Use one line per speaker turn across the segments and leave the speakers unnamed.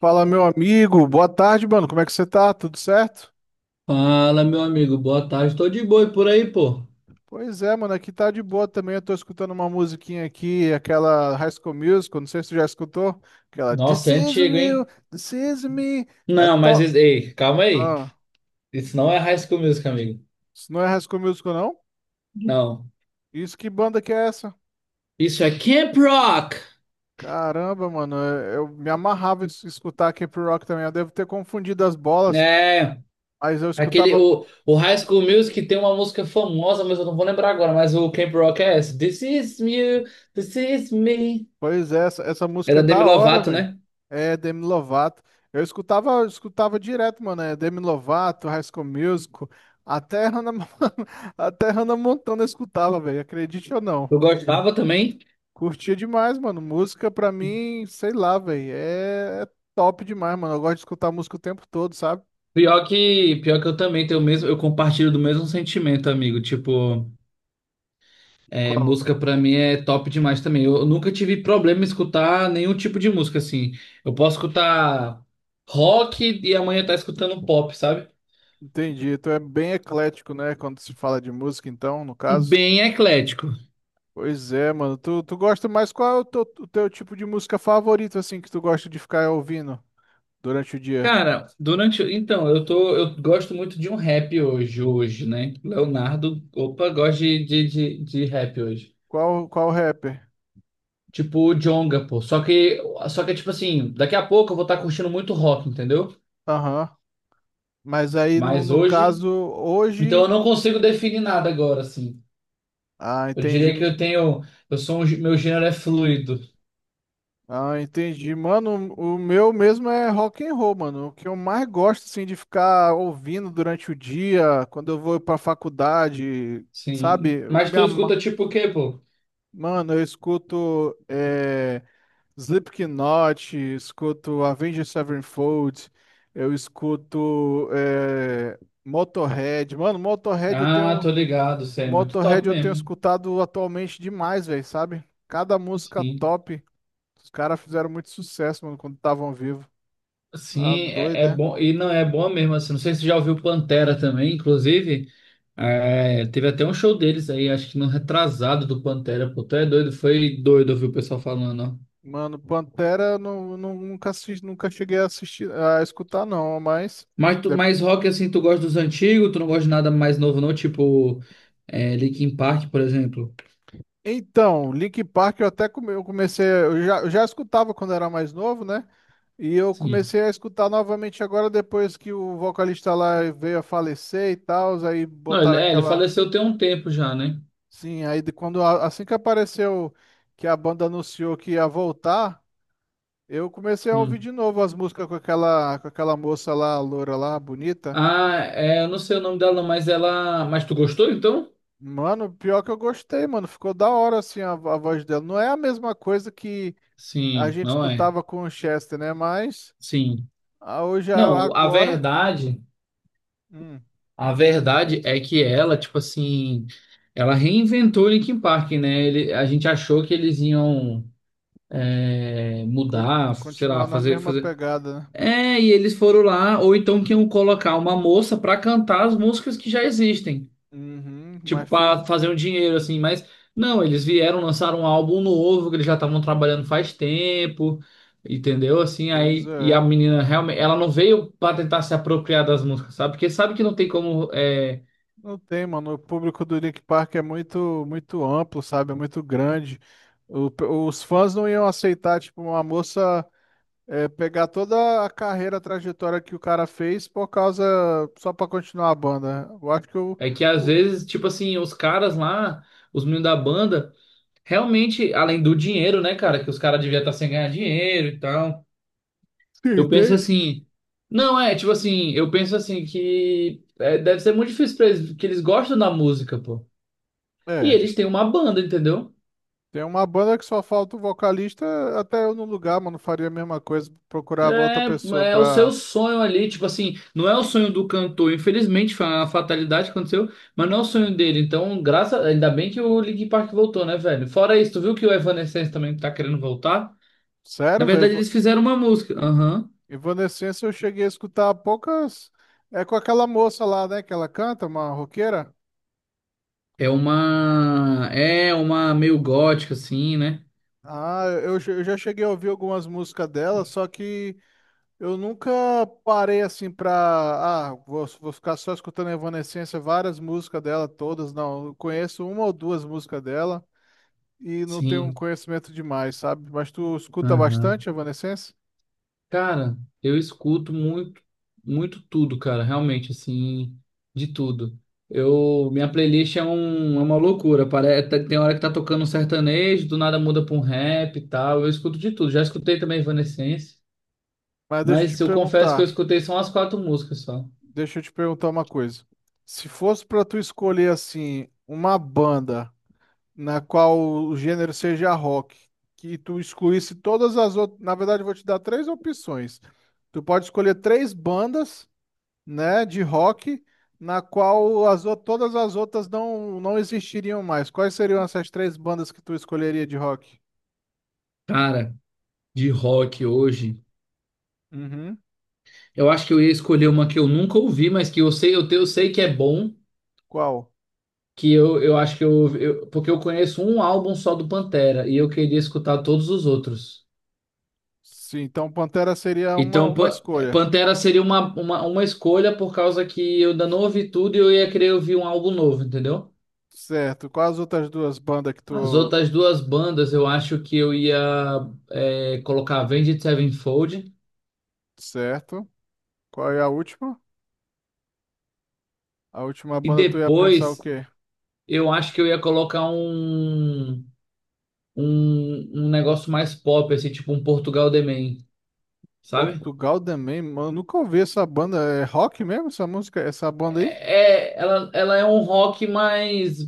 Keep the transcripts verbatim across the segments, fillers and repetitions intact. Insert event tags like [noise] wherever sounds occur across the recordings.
Fala, meu amigo. Boa tarde, mano. Como é que você tá? Tudo certo?
Fala, meu amigo, boa tarde. Tô de boa e por aí, pô.
Pois é, mano. Aqui tá de boa também. Eu tô escutando uma musiquinha aqui, aquela High School Musical. Não sei se tu já escutou. Aquela This
Nossa, é
is
antigo,
real,
hein?
this is me. É
Não, mas
to...
is- ei, calma aí.
Ah,
Isso não
que...
é High School Music, amigo.
Isso não é High School Musical, não?
Não.
Isso, que banda que é essa?
Isso é Camp Rock.
Caramba, mano. Eu eu me amarrava em escutar Camp Rock também. Eu devo ter confundido as bolas,
É,
mas eu
aquele
escutava.
o, o High School Music tem uma música famosa, mas eu não vou lembrar agora, mas o Camp Rock é essa. This is me, this is me.
Pois é, essa, essa
É
música é
da Demi
da hora,
Lovato,
velho.
né?
É Demi Lovato. Eu escutava, eu escutava direto, mano. É Demi Lovato, High School Musical, até Hannah, Mon- [laughs] até Hannah Montana eu escutava, velho. Acredite ou não.
Eu gostava também.
Curtia demais, mano. Música pra mim, sei lá, velho. É, é top demais, mano. Eu gosto de escutar música o tempo todo, sabe?
Pior que, pior que eu também tenho o mesmo, eu compartilho do mesmo sentimento, amigo. Tipo, é,
Qual?
música pra mim é top demais também. Eu, eu nunca tive problema em escutar nenhum tipo de música assim. Eu posso escutar rock e amanhã tá escutando pop, sabe?
Entendi. Tu é bem eclético, né? Quando se fala de música, então, no caso.
Bem eclético.
Pois é, mano. Tu, tu gosta mais qual é o teu, o teu tipo de música favorito, assim, que tu gosta de ficar ouvindo durante o dia?
Cara, durante. Então, eu tô. Eu gosto muito de um rap hoje, hoje, né? Leonardo, opa, gosto de, de, de, de rap hoje.
Qual, qual rapper?
Tipo o Djonga, pô. Só que, só que, tipo assim, daqui a pouco eu vou estar curtindo muito rock, entendeu?
Aham. Mas aí, no,
Mas
no
hoje.
caso,
Então
hoje...
eu não consigo definir nada agora, assim.
Ah,
Eu diria que
entendi.
eu tenho. Eu sou um. gê- Meu gênero é fluido.
Ah, entendi. Mano, o meu mesmo é rock and roll, mano. O que eu mais gosto, assim, de ficar ouvindo durante o dia, quando eu vou pra faculdade, sabe?
Sim.
Eu
Mas
me
tu
ama-
escuta tipo o quê, pô?
Mano, eu escuto... É... Slipknot, escuto Avenged Sevenfold, eu escuto eh, Motorhead. Mano, Motorhead eu
Ah, tô
tenho,
ligado, você é muito top
Motorhead eu tenho
mesmo.
escutado atualmente demais, velho, sabe? Cada música
Sim.
top. Os caras fizeram muito sucesso, mano, quando estavam vivos. Tá
Sim, é,
doido,
é
né?
bom. E não, é bom mesmo, assim. Não sei se você já ouviu Pantera também, inclusive. É, teve até um show deles aí, acho que no retrasado do Pantera, pô. Tu é doido, foi doido ouvir o pessoal falando, ó.
Mano, Pantera eu não, não- nunca assisti, nunca cheguei a assistir, a escutar não, mas
Mas, tu, mas rock, assim, tu gosta dos antigos, tu não gosta de nada mais novo, não? Tipo, é, Linkin Park, por exemplo.
então, Linkin Park eu até come- eu comecei, eu já, eu já escutava quando era mais novo, né? E eu
Sim.
comecei a escutar novamente agora depois que o vocalista lá veio a falecer e tal, aí
Não, ele,
botaram
é, ele
aquela,
faleceu tem um tempo já, né?
sim, aí de quando a- assim que apareceu que a banda anunciou que ia voltar, eu comecei a ouvir
Hum.
de novo as músicas com aquela com aquela moça lá, a loura lá, bonita.
Ah, é, eu não sei o nome dela, mas ela. Mas tu gostou então?
Mano, pior que eu gostei, mano, ficou da hora assim a a voz dela. Não é a mesma coisa que a
Sim,
gente
não é?
escutava com o Chester, né? Mas
Sim.
Ah, hoje a-
Não, a
agora,
verdade,
hum,
a verdade é que ela, tipo assim, ela reinventou o Linkin Park, né? Ele, a gente achou que eles iam é,
co-
mudar, sei lá,
continuar na
fazer,
mesma
fazer.
pegada, né?
É, e eles foram lá, ou então que iam colocar uma moça pra cantar as músicas que já existem.
Uhum,
Tipo,
mas fez.
pra fazer um dinheiro, assim, mas não, eles vieram lançar um álbum novo que eles já estavam trabalhando faz tempo, entendeu? Assim,
Pois
aí, e a
é.
menina realmente, ela não veio pra tentar se apropriar das músicas, sabe? Porque sabe que não tem como, é,
Não tem, mano. O público do Link Park é muito, muito amplo, sabe? É muito grande. O pe- os fãs não iam aceitar, tipo, uma moça é, pegar toda a carreira, a trajetória que o cara fez por causa só pra continuar a banda. Eu acho que eu,
é que às
o-
vezes, tipo assim, os caras lá, os meninos da banda, realmente, além do dinheiro, né, cara, que os caras deviam estar sem ganhar dinheiro e tal,
Sim,
eu penso
tem.
assim. Não, é, tipo assim, eu penso assim que é, deve ser muito difícil pra eles, que eles gostam da música, pô. E
É.
eles têm uma banda, entendeu?
Tem uma banda que só falta o vocalista, até eu no lugar, mano, faria a mesma coisa, procurava outra
É,
pessoa
é o seu
pra...
sonho ali, tipo assim, não é o sonho do cantor, infelizmente foi uma fatalidade que aconteceu, mas não é o sonho dele. Então, graças, ainda bem que o Linkin Park voltou, né, velho? Fora isso, tu viu que o Evanescence também tá querendo voltar? Na
Sério,
verdade,
velho,
eles fizeram uma música. Aham.
Evanescence eu cheguei a escutar há poucas... É com aquela moça lá, né, que ela canta, uma roqueira.
É uma é uma meio gótica assim, né?
Ah, eu, che- eu já cheguei a ouvir algumas músicas dela, só que eu nunca parei assim pra... Ah, vou, vou ficar só escutando Evanescence, várias músicas dela, todas, não. Eu conheço uma ou duas músicas dela. E não tenho um
Sim.
conhecimento demais, sabe? Mas tu escuta
Aham.
bastante Evanescence?
Cara, eu escuto muito, muito tudo, cara, realmente, assim, de tudo. Eu, minha playlist é, um, é uma loucura, parece, tem hora que tá tocando um sertanejo, do nada muda pra um rap e tal, eu escuto de tudo. Já escutei também Evanescence,
Mas deixa eu te
mas eu confesso que eu
perguntar,
escutei só umas quatro músicas só.
deixa eu te perguntar uma coisa. Se fosse pra tu escolher assim uma banda na qual o gênero seja rock, que tu excluísse todas as outras, na verdade eu vou te dar três opções. Tu pode escolher três bandas, né, de rock na qual as ou- todas as outras não não existiriam mais. Quais seriam essas três bandas que tu escolheria de rock?
Cara, de rock hoje,
Uhum.
eu acho que eu ia escolher uma que eu nunca ouvi, mas que eu sei, eu, te- eu sei que é bom,
Qual?
que eu, eu acho que eu, eu, porque eu conheço um álbum só do Pantera, e eu queria escutar todos os outros.
Sim, então Pantera seria uma,
Então,
uma
Pa-
escolha.
Pantera seria uma, uma, uma escolha por causa que eu ainda não ouvi tudo e eu ia querer ouvir um álbum novo, entendeu?
Certo. Quais as outras duas bandas que
As
tu.
outras duas bandas eu acho que eu ia é, colocar Avenged Sevenfold
Certo. Qual é a última? A última
e
banda tu ia pensar o
depois
quê?
eu acho que eu ia colocar um, um, um negócio mais pop, assim, tipo um Portugal The Man, sabe?
Portugal também, mano. Nunca ouvi essa banda. É rock mesmo essa música? Essa banda aí?
É, ela, ela é um rock mais,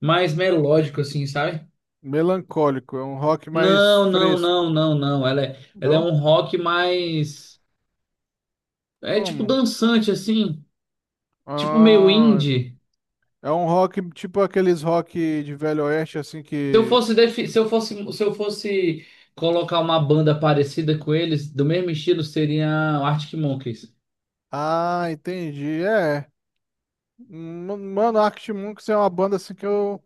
mais melódico, assim, sabe?
Melancólico. É um rock mais
Não, não, não,
fresco.
não, não. Ela é, ela é
Não?
um rock mais. É tipo
Como?
dançante, assim, tipo meio
Ah,
indie.
é um rock tipo aqueles rock de Velho Oeste, assim
Se eu
que.
fosse, defi- se eu fosse, se eu fosse colocar uma banda parecida com eles, do mesmo estilo, seria Arctic Monkeys.
Ah, entendi. É. Hum, mano, Arctic Monkeys é uma banda assim que eu.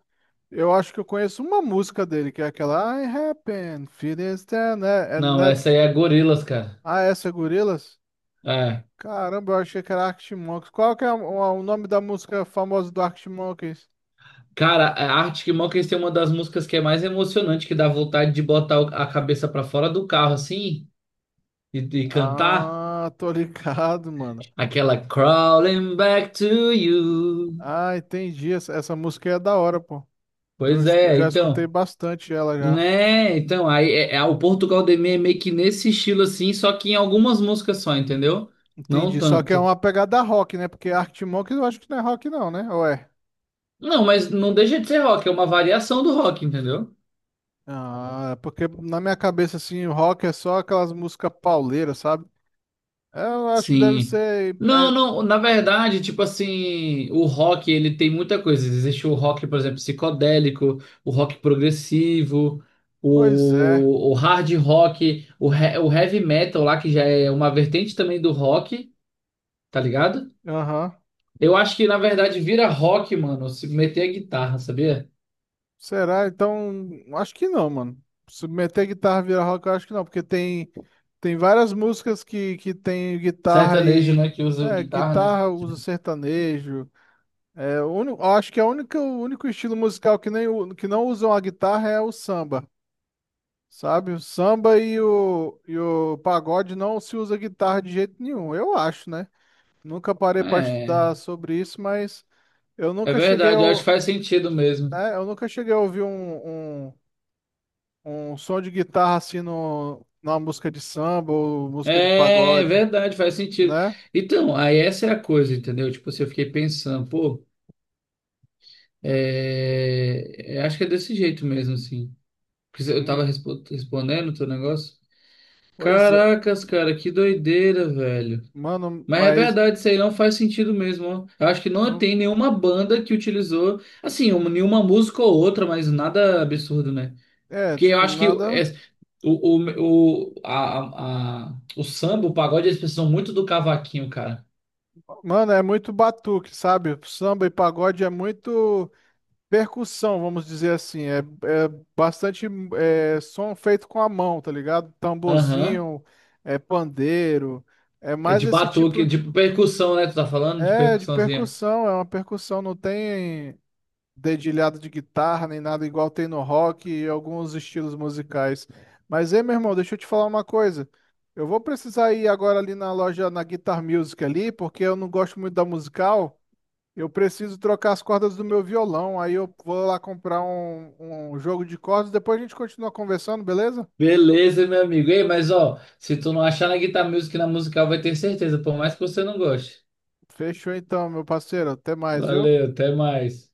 Eu acho que eu conheço uma música dele, que é aquela I Happen, Feeling Stand, né? É,
Não,
né?
essa aí é Gorillaz, cara.
Ah, é, essa é Gorillaz?
É.
Caramba, eu achei que era Arctic Monkeys. Qual que é o, o nome da música famosa do Arctic Monkeys?
Cara, a Arctic Monkeys tem uma das músicas que é mais emocionante, que dá vontade de botar o- a cabeça pra fora do carro, assim, e, e cantar.
Ah, tô ligado, mano.
Aquela Crawling Back to You.
Ah, entendi. Essa, essa música é da hora, pô. Eu
Pois
escu-
é,
já escutei
então.
bastante ela já.
Né? Então, aí é, é- o Portugal de Mim é meio que nesse estilo assim, só que em algumas músicas só, entendeu? Não
Entendi. Só que é
tanto.
uma pegada rock, né? Porque Arctic Monkeys eu acho que não é rock não, né? Ou é?
Não, mas não deixa de ser rock, é uma variação do rock, entendeu?
Ah, é porque na minha cabeça, assim, o rock é só aquelas músicas pauleiras, sabe? Eu acho que deve
Sim.
ser.
Não,
é,
não, na verdade, tipo assim, o rock, ele tem muita coisa. Existe o rock, por exemplo, psicodélico, o rock progressivo,
pois é.
o, o hard rock, o, he- o heavy metal lá, que já é uma vertente também do rock, tá ligado?
Aham.
Eu acho que, na verdade, vira rock, mano, se meter a guitarra, sabia?
Será? Então, acho que não, mano. Se meter guitarra vira rock, eu acho que não, porque tem, tem várias músicas que, que tem guitarra
Sertanejo,
e.
né, que usa
É,
guitarra, né?
guitarra usa sertanejo. É, o uni- eu acho que é o único, o único estilo musical que, nem, o- que não usam a guitarra é o samba, sabe? O samba e o, e o pagode não se usa guitarra de jeito nenhum, eu acho, né? Nunca parei para
É,
estudar sobre isso, mas. Eu
é
nunca cheguei
verdade, eu acho que
ao,
faz sentido mesmo.
é, eu nunca cheguei a ouvir um, um, um som de guitarra assim no, numa música de samba ou música de
É, é
pagode,
verdade, faz sentido.
né?
Então, aí essa é a coisa, entendeu? Tipo, assim, eu fiquei pensando, pô, é, é, acho que é desse jeito mesmo, assim. Porque eu tava
Hum,
respo- respondendo o teu negócio.
pois é,
Caracas, cara, que doideira, velho.
mano,
Mas é
mas
verdade, isso aí não faz sentido mesmo, ó. Eu acho que não
não,
tem nenhuma banda que utilizou, assim, um- nenhuma música ou outra, mas nada absurdo, né?
é,
Porque eu
tipo,
acho que
nada.
é- o, o, o, a, a, a- o samba, o pagode, eles precisam muito do cavaquinho, cara.
Mano, é muito batuque, sabe? Samba e pagode é muito percussão, vamos dizer assim. É, é bastante é, som feito com a mão, tá ligado?
Aham.
Tamborzinho, é pandeiro. É
É de
mais esse
batuque,
tipo.
de percussão, né? Tu tá falando de
É, de
percussãozinha.
percussão, é uma percussão, não tem. Dedilhado de guitarra, nem nada igual tem no rock e alguns estilos musicais. Mas, ei, meu irmão, deixa eu te falar uma coisa. Eu vou precisar ir agora ali na loja, na Guitar Music ali, porque eu não gosto muito da musical. Eu preciso trocar as cordas do meu violão. Aí eu vou lá comprar um, um jogo de cordas. Depois a gente continua conversando, beleza?
Beleza, meu amigo. Ei, mas ó, se tu não achar na Guitar Music, na musical, vai ter certeza, por mais que você não goste.
Fechou então, meu parceiro. Até mais, viu?
Valeu, até mais.